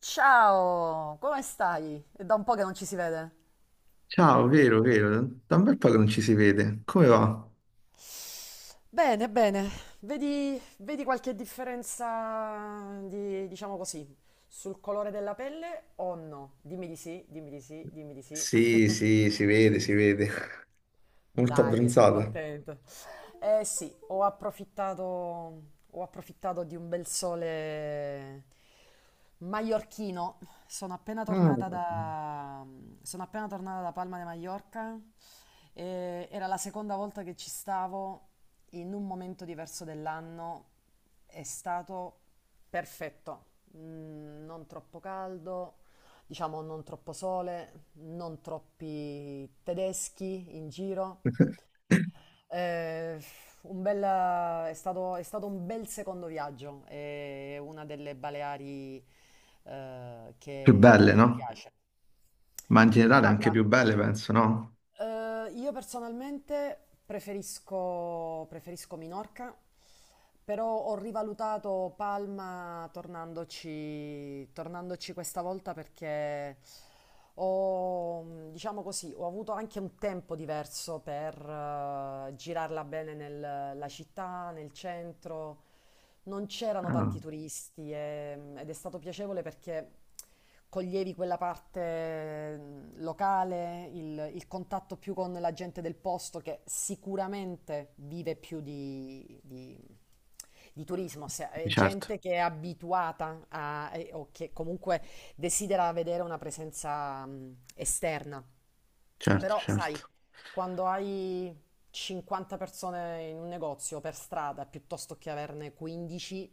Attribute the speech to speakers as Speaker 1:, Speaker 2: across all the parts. Speaker 1: Ciao, come stai? È da un po' che non ci si vede.
Speaker 2: Ciao, vero, vero, da un bel po' che non ci si vede. Come va?
Speaker 1: Bene, bene. Vedi qualche differenza di, diciamo così, sul colore della pelle o no? Dimmi di sì, dimmi di sì, dimmi di sì.
Speaker 2: Sì, sì, si vede, si vede. Molto
Speaker 1: Dai, sono
Speaker 2: abbronzata.
Speaker 1: contenta. Eh sì, ho approfittato di un bel sole maiorchino. Sono appena
Speaker 2: Ah.
Speaker 1: tornata da, Sono appena tornata da Palma de Mallorca. E era la seconda volta che ci stavo in un momento diverso dell'anno. È stato perfetto. Non troppo caldo, diciamo non troppo sole, non troppi tedeschi in giro. Eh, un bel, è stato un bel secondo viaggio, è una delle Baleari
Speaker 2: Più
Speaker 1: che,
Speaker 2: belle,
Speaker 1: che mi
Speaker 2: no?
Speaker 1: piace.
Speaker 2: Ma in generale anche
Speaker 1: Guarda,
Speaker 2: più belle, penso, no?
Speaker 1: io personalmente preferisco Minorca, però ho rivalutato Palma tornandoci questa volta perché diciamo così, ho avuto anche un tempo diverso per girarla bene nella città, nel centro. Non c'erano
Speaker 2: Ah,
Speaker 1: tanti turisti ed è stato piacevole perché coglievi quella parte locale, il contatto più con la gente del posto che sicuramente vive più di turismo,
Speaker 2: di
Speaker 1: è
Speaker 2: certo,
Speaker 1: gente che è abituata a, o che comunque desidera vedere una presenza esterna.
Speaker 2: certo,
Speaker 1: Però, sai,
Speaker 2: certo.
Speaker 1: quando hai 50 persone in un negozio per strada piuttosto che averne 15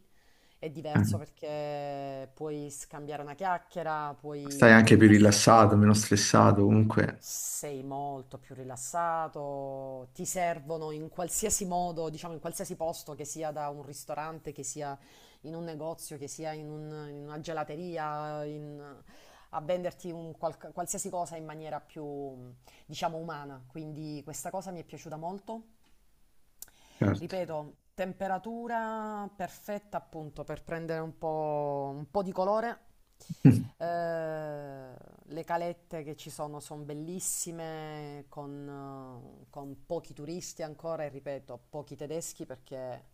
Speaker 1: è
Speaker 2: Eh,
Speaker 1: diverso perché puoi scambiare una chiacchiera,
Speaker 2: stai
Speaker 1: puoi,
Speaker 2: anche
Speaker 1: puoi
Speaker 2: più
Speaker 1: passare.
Speaker 2: rilassato, meno stressato, comunque,
Speaker 1: Sei molto più rilassato, ti servono in qualsiasi modo, diciamo in qualsiasi posto, che sia da un ristorante, che sia in un negozio, che sia in una gelateria, a venderti un qualsiasi cosa in maniera più, diciamo, umana. Quindi questa cosa mi è piaciuta molto.
Speaker 2: certo.
Speaker 1: Ripeto, temperatura perfetta appunto per prendere un po' di colore. Eh, le calette che ci sono sono bellissime, con pochi turisti ancora e ripeto, pochi tedeschi perché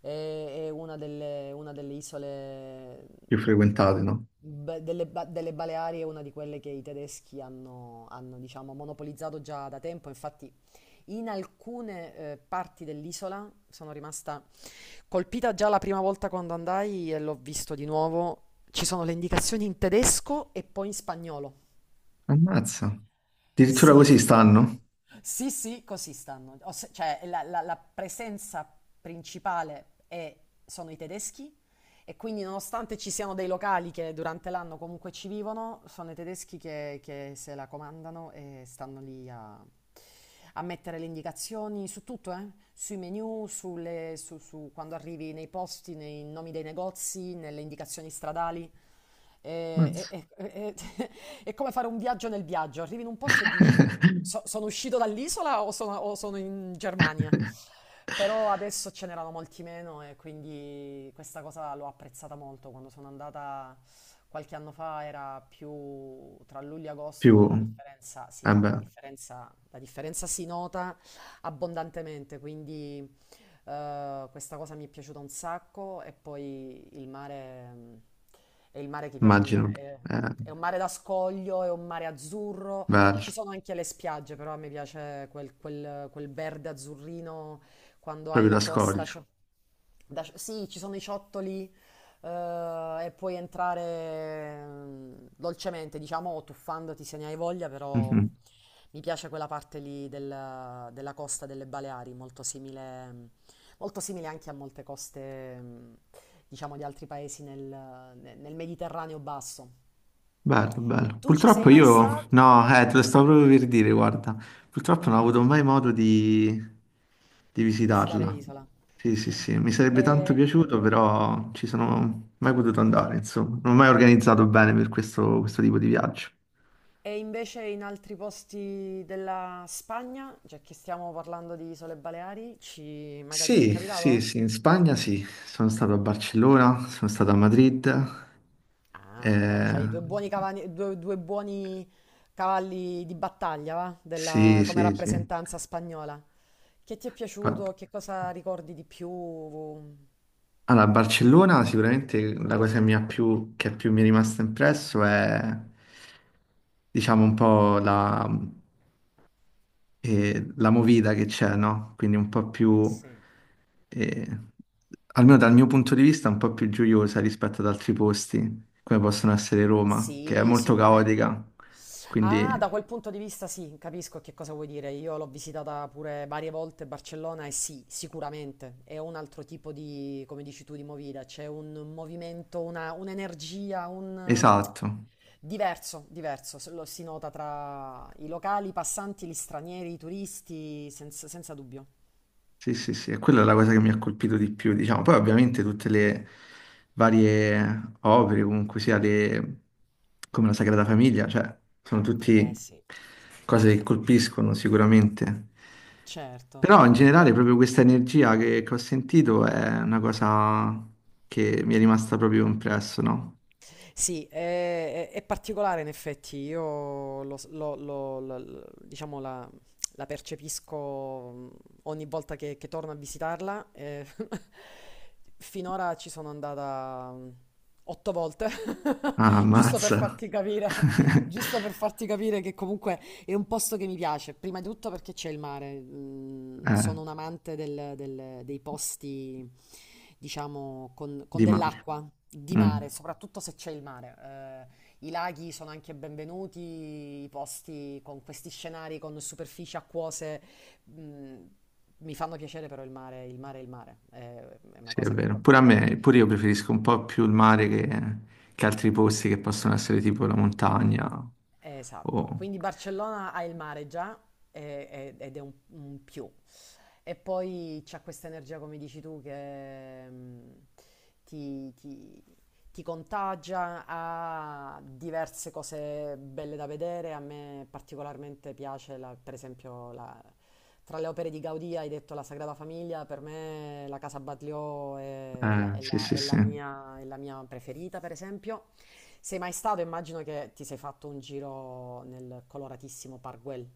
Speaker 1: è una delle isole
Speaker 2: Più
Speaker 1: de-
Speaker 2: frequentate, no?
Speaker 1: delle Baleari, è una di quelle che i tedeschi hanno, diciamo, monopolizzato già da tempo. Infatti in alcune parti dell'isola sono rimasta colpita già la prima volta quando andai e l'ho visto di nuovo. Ci sono le indicazioni in tedesco e poi in spagnolo.
Speaker 2: Ammazza. Addirittura così
Speaker 1: Sì.
Speaker 2: stanno?
Speaker 1: Sì, sì, così stanno. O cioè, la presenza principale sono i tedeschi e quindi nonostante ci siano dei locali che durante l'anno comunque ci vivono, sono i tedeschi che se la comandano e stanno lì a mettere le indicazioni su tutto, eh? Sui menu, su quando arrivi nei posti, nei nomi dei negozi, nelle indicazioni stradali. E-
Speaker 2: Ammazza.
Speaker 1: e- e- e- è come fare un viaggio nel viaggio, arrivi in un posto e dici... So- sono uscito dall'isola o sono in Germania? Però adesso ce n'erano molti meno e quindi questa cosa l'ho apprezzata molto. Quando sono andata qualche anno fa era più tra luglio e agosto e
Speaker 2: Più,
Speaker 1: la differenza, sì,
Speaker 2: eh
Speaker 1: no, la
Speaker 2: beh,
Speaker 1: differenza, la differenza si nota abbondantemente, quindi questa cosa mi è piaciuta un sacco e poi il mare è il mare che piace a me.
Speaker 2: immagino,
Speaker 1: È,
Speaker 2: eh,
Speaker 1: è un mare da scoglio, è un mare azzurro,
Speaker 2: bello,
Speaker 1: ci sono anche le spiagge, però a me piace quel verde azzurrino quando hai
Speaker 2: proprio da
Speaker 1: la costa.
Speaker 2: scoglio.
Speaker 1: Sì, ci sono i ciottoli e puoi entrare dolcemente, diciamo, o tuffandoti se ne hai voglia, però
Speaker 2: Mhm.
Speaker 1: mi piace quella parte lì della costa delle Baleari, molto simile, molto simile anche a molte coste, diciamo, di altri paesi nel Mediterraneo basso.
Speaker 2: Bello, bello.
Speaker 1: Tu ci sei
Speaker 2: Purtroppo
Speaker 1: mai
Speaker 2: io,
Speaker 1: stato?
Speaker 2: no, te lo stavo proprio per dire, guarda, purtroppo non ho avuto mai modo di
Speaker 1: Visitare
Speaker 2: visitarla.
Speaker 1: l'isola?
Speaker 2: Sì, sì, sì, mi sarebbe tanto
Speaker 1: Eh,
Speaker 2: piaciuto, però ci sono mai potuto andare, insomma. Non ho mai organizzato bene per questo tipo di viaggio.
Speaker 1: E invece in altri posti della Spagna, cioè che stiamo parlando di Isole Baleari, ci... magari ti è
Speaker 2: Sì, sì,
Speaker 1: capitato?
Speaker 2: sì, in Spagna sì, sono stato a Barcellona, sono stato a Madrid.
Speaker 1: Ah, dai,
Speaker 2: Eh,
Speaker 1: c'hai due buoni cavalli di battaglia, va? Della...
Speaker 2: sì,
Speaker 1: come
Speaker 2: sì, sì.
Speaker 1: rappresentanza spagnola. Che ti è
Speaker 2: Fa-
Speaker 1: piaciuto? Che cosa ricordi di più?
Speaker 2: Allora, a Barcellona sicuramente la cosa che mi ha più mi è rimasta impresso diciamo, un po' la movida che c'è, no? Quindi un po' più,
Speaker 1: Sì.
Speaker 2: eh, almeno dal mio punto di vista, un po' più gioiosa rispetto ad altri posti, come possono essere Roma, che è
Speaker 1: Sì,
Speaker 2: molto
Speaker 1: sicuramente.
Speaker 2: caotica.
Speaker 1: Ah, da
Speaker 2: Quindi,
Speaker 1: quel punto di vista sì, capisco che cosa vuoi dire. Io l'ho visitata pure varie volte Barcellona e sì, sicuramente è un altro tipo di, come dici tu, di movida. C'è un movimento, un'energia, un...
Speaker 2: esatto.
Speaker 1: diverso, diverso. Se lo si nota tra i locali, i passanti, gli stranieri, i turisti, senza, senza dubbio.
Speaker 2: Sì, sì, sì, e quella è la cosa che mi ha colpito di più, diciamo. Poi ovviamente tutte le varie opere, comunque sia le... come la Sagrada Famiglia, cioè, sono tutte
Speaker 1: Eh sì.
Speaker 2: cose che colpiscono sicuramente.
Speaker 1: Certo.
Speaker 2: Però in generale
Speaker 1: Lo-
Speaker 2: proprio questa energia che ho sentito è una cosa che mi è rimasta proprio impresso, no?
Speaker 1: Sì, è particolare in effetti, io lo, s- lo- lo- lo- lo- diciamo la percepisco ogni volta che torno a visitarla. Finora ci sono andata otto volte,
Speaker 2: Ah,
Speaker 1: giusto per
Speaker 2: ammazza.
Speaker 1: farti capire, giusto per farti capire che comunque è un posto che mi piace, prima di tutto perché c'è il mare.
Speaker 2: Eh,
Speaker 1: Sono un amante dei posti, diciamo, con
Speaker 2: di mare.
Speaker 1: dell'acqua, di
Speaker 2: Mm.
Speaker 1: mare, soprattutto se c'è il mare. I laghi sono anche benvenuti, i posti con questi scenari, con superfici acquose, mm, mi fanno piacere però il mare è il mare. È una
Speaker 2: Sì, è
Speaker 1: cosa che
Speaker 2: vero. Pure a
Speaker 1: proprio...
Speaker 2: me, pure io preferisco un po' più il mare che altri posti che possono essere tipo la montagna.
Speaker 1: Esatto.
Speaker 2: o-
Speaker 1: Quindi Barcellona ha il mare già ed è un più. E poi c'ha questa energia, come dici tu, che ti, ti- ti contagia, ha diverse cose belle da vedere. A me particolarmente piace, per esempio, tra le opere di Gaudì hai detto La Sagrada Famiglia, per me la Casa Batlló è la, è
Speaker 2: Sì,
Speaker 1: la-
Speaker 2: sì, sì.
Speaker 1: è la mia preferita, per esempio. Sei mai stato? Immagino che ti sei fatto un giro nel coloratissimo Park Güell.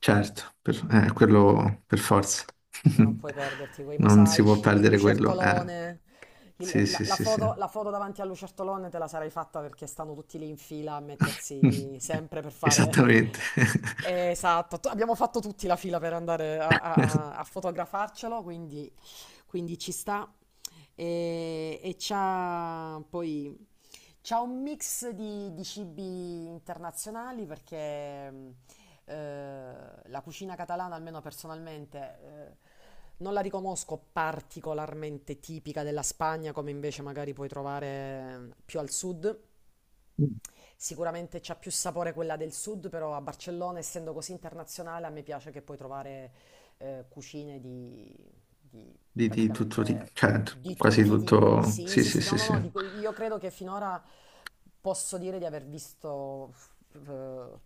Speaker 2: Certo, quello per forza.
Speaker 1: Non puoi perderti quei
Speaker 2: Non si può
Speaker 1: mosaici, il
Speaker 2: perdere quello.
Speaker 1: lucertolone, il-
Speaker 2: Sì,
Speaker 1: la,
Speaker 2: sì,
Speaker 1: la
Speaker 2: sì, sì.
Speaker 1: foto, la foto davanti al lucertolone te la sarai fatta perché stanno tutti lì in fila a mettersi sempre per
Speaker 2: Esattamente.
Speaker 1: fare... Esatto, abbiamo fatto tutti la fila per andare a fotografarcelo, quindi ci sta. E c'ha un mix di cibi internazionali perché eh, la cucina catalana, almeno personalmente, non la riconosco particolarmente tipica della Spagna, come invece magari puoi trovare più al sud. Sicuramente c'ha più sapore quella del sud, però a Barcellona, essendo così internazionale, a me piace che puoi trovare cucine di
Speaker 2: Di tutto, di,
Speaker 1: praticamente
Speaker 2: certo,
Speaker 1: di
Speaker 2: quasi
Speaker 1: tutti i tipi.
Speaker 2: tutto.
Speaker 1: Sì,
Speaker 2: Sì,
Speaker 1: sì,
Speaker 2: sì,
Speaker 1: sì, no,
Speaker 2: sì,
Speaker 1: no,
Speaker 2: sì.
Speaker 1: no, io credo che finora posso dire di aver visto... eh,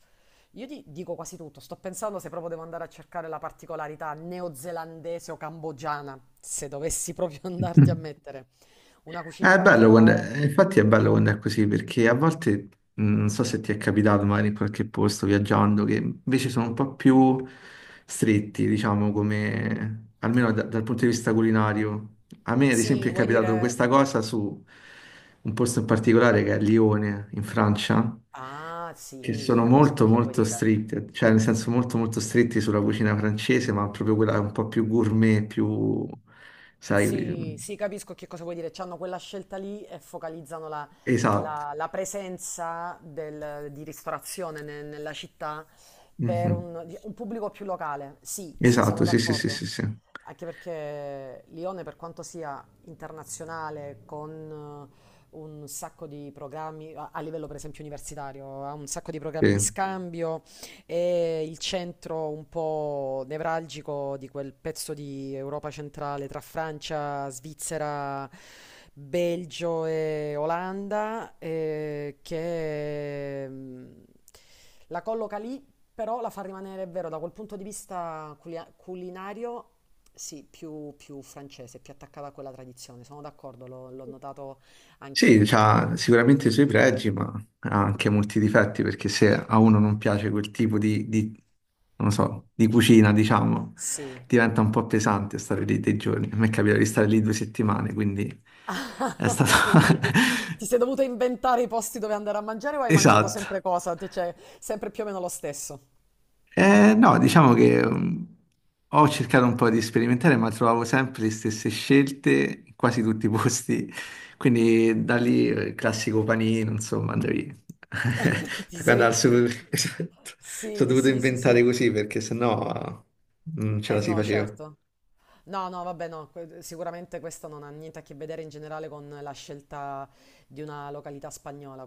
Speaker 1: io dico quasi tutto, sto pensando se proprio devo andare a cercare la particolarità neozelandese o cambogiana, se dovessi proprio andarti a mettere una cucina
Speaker 2: È bello quando
Speaker 1: particolare.
Speaker 2: infatti è bello quando è così, perché a volte, non so se ti è capitato magari in qualche posto viaggiando, che invece sono un po' più stretti, diciamo, come, almeno dal punto di vista culinario. A me, ad esempio,
Speaker 1: Sì,
Speaker 2: è
Speaker 1: vuoi
Speaker 2: capitato
Speaker 1: dire...
Speaker 2: questa cosa su un posto in particolare che è Lione, in Francia,
Speaker 1: Ah,
Speaker 2: che
Speaker 1: sì,
Speaker 2: sono
Speaker 1: capisco
Speaker 2: molto
Speaker 1: che vuoi
Speaker 2: molto
Speaker 1: dire.
Speaker 2: stritti, cioè nel senso molto molto stretti sulla cucina francese, ma proprio quella un po' più gourmet, più, sai,
Speaker 1: Sì, sì, capisco che cosa vuoi dire. C'hanno quella scelta lì e focalizzano la,
Speaker 2: esatto.
Speaker 1: la- la presenza di ristorazione nella città per
Speaker 2: Mhm.
Speaker 1: un, di- un pubblico più locale. Sì, sì,
Speaker 2: Esatto,
Speaker 1: sono
Speaker 2: sì, sì, sì, sì,
Speaker 1: d'accordo.
Speaker 2: sì.
Speaker 1: Anche perché Lione, per quanto sia internazionale, con un sacco di programmi, a livello per esempio universitario, ha un sacco di programmi di
Speaker 2: Sì,
Speaker 1: scambio. È il centro un po' nevralgico di quel pezzo di Europa centrale tra Francia, Svizzera, Belgio e Olanda, che la colloca lì, però la fa rimanere, è vero, da quel punto di vista culinario, sì, più francese, più attaccata a quella tradizione. Sono d'accordo, l'ho notato
Speaker 2: Sì,
Speaker 1: anch'io.
Speaker 2: c'ha sicuramente i suoi pregi, ma ha anche molti difetti, perché se a uno non piace quel tipo non lo so, di cucina, diciamo,
Speaker 1: Sì.
Speaker 2: diventa un po' pesante stare lì dei giorni. A me capita di stare lì 2 settimane, quindi è stato...
Speaker 1: Quindi ti sei dovuto inventare i posti dove andare a mangiare o hai mangiato sempre
Speaker 2: Esatto.
Speaker 1: cosa? Cioè, sempre più o meno lo stesso.
Speaker 2: No, diciamo che ho cercato un po' di sperimentare, ma trovavo sempre le stesse scelte in quasi tutti i posti. Quindi da lì il classico panino, insomma, andavi
Speaker 1: Ti
Speaker 2: da qua
Speaker 1: sei...
Speaker 2: Esatto. Sono
Speaker 1: Sì,
Speaker 2: dovuto
Speaker 1: sì, sì,
Speaker 2: inventare
Speaker 1: sì.
Speaker 2: così perché sennò non ce
Speaker 1: Eh
Speaker 2: la si
Speaker 1: no,
Speaker 2: faceva.
Speaker 1: certo. No, no, vabbè, no, sicuramente questo non ha niente a che vedere in generale con la scelta di una località spagnola,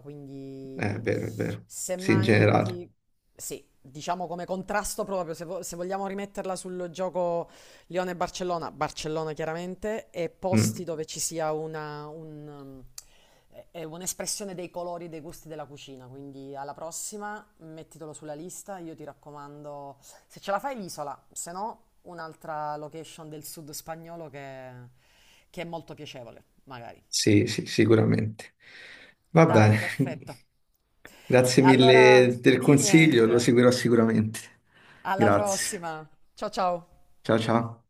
Speaker 2: È
Speaker 1: quindi
Speaker 2: vero, è vero. Sì, in
Speaker 1: semmai
Speaker 2: generale.
Speaker 1: ti... Sì, diciamo come contrasto proprio, se vogliamo rimetterla sul gioco Lione-Barcellona, Barcellona chiaramente, e
Speaker 2: Mm,
Speaker 1: posti dove ci sia è un'espressione dei colori, dei gusti della cucina, quindi alla prossima mettitelo sulla lista, io ti raccomando se ce la fai l'isola, se no un'altra location del sud spagnolo che è molto piacevole, magari.
Speaker 2: sì, sì, sicuramente. Va
Speaker 1: Dai,
Speaker 2: bene.
Speaker 1: perfetto. Ottimo.
Speaker 2: Grazie
Speaker 1: Allora,
Speaker 2: mille del
Speaker 1: di
Speaker 2: consiglio, lo
Speaker 1: niente.
Speaker 2: seguirò sicuramente.
Speaker 1: Alla Grazie.
Speaker 2: Grazie.
Speaker 1: Prossima. Ciao ciao.
Speaker 2: Ciao ciao.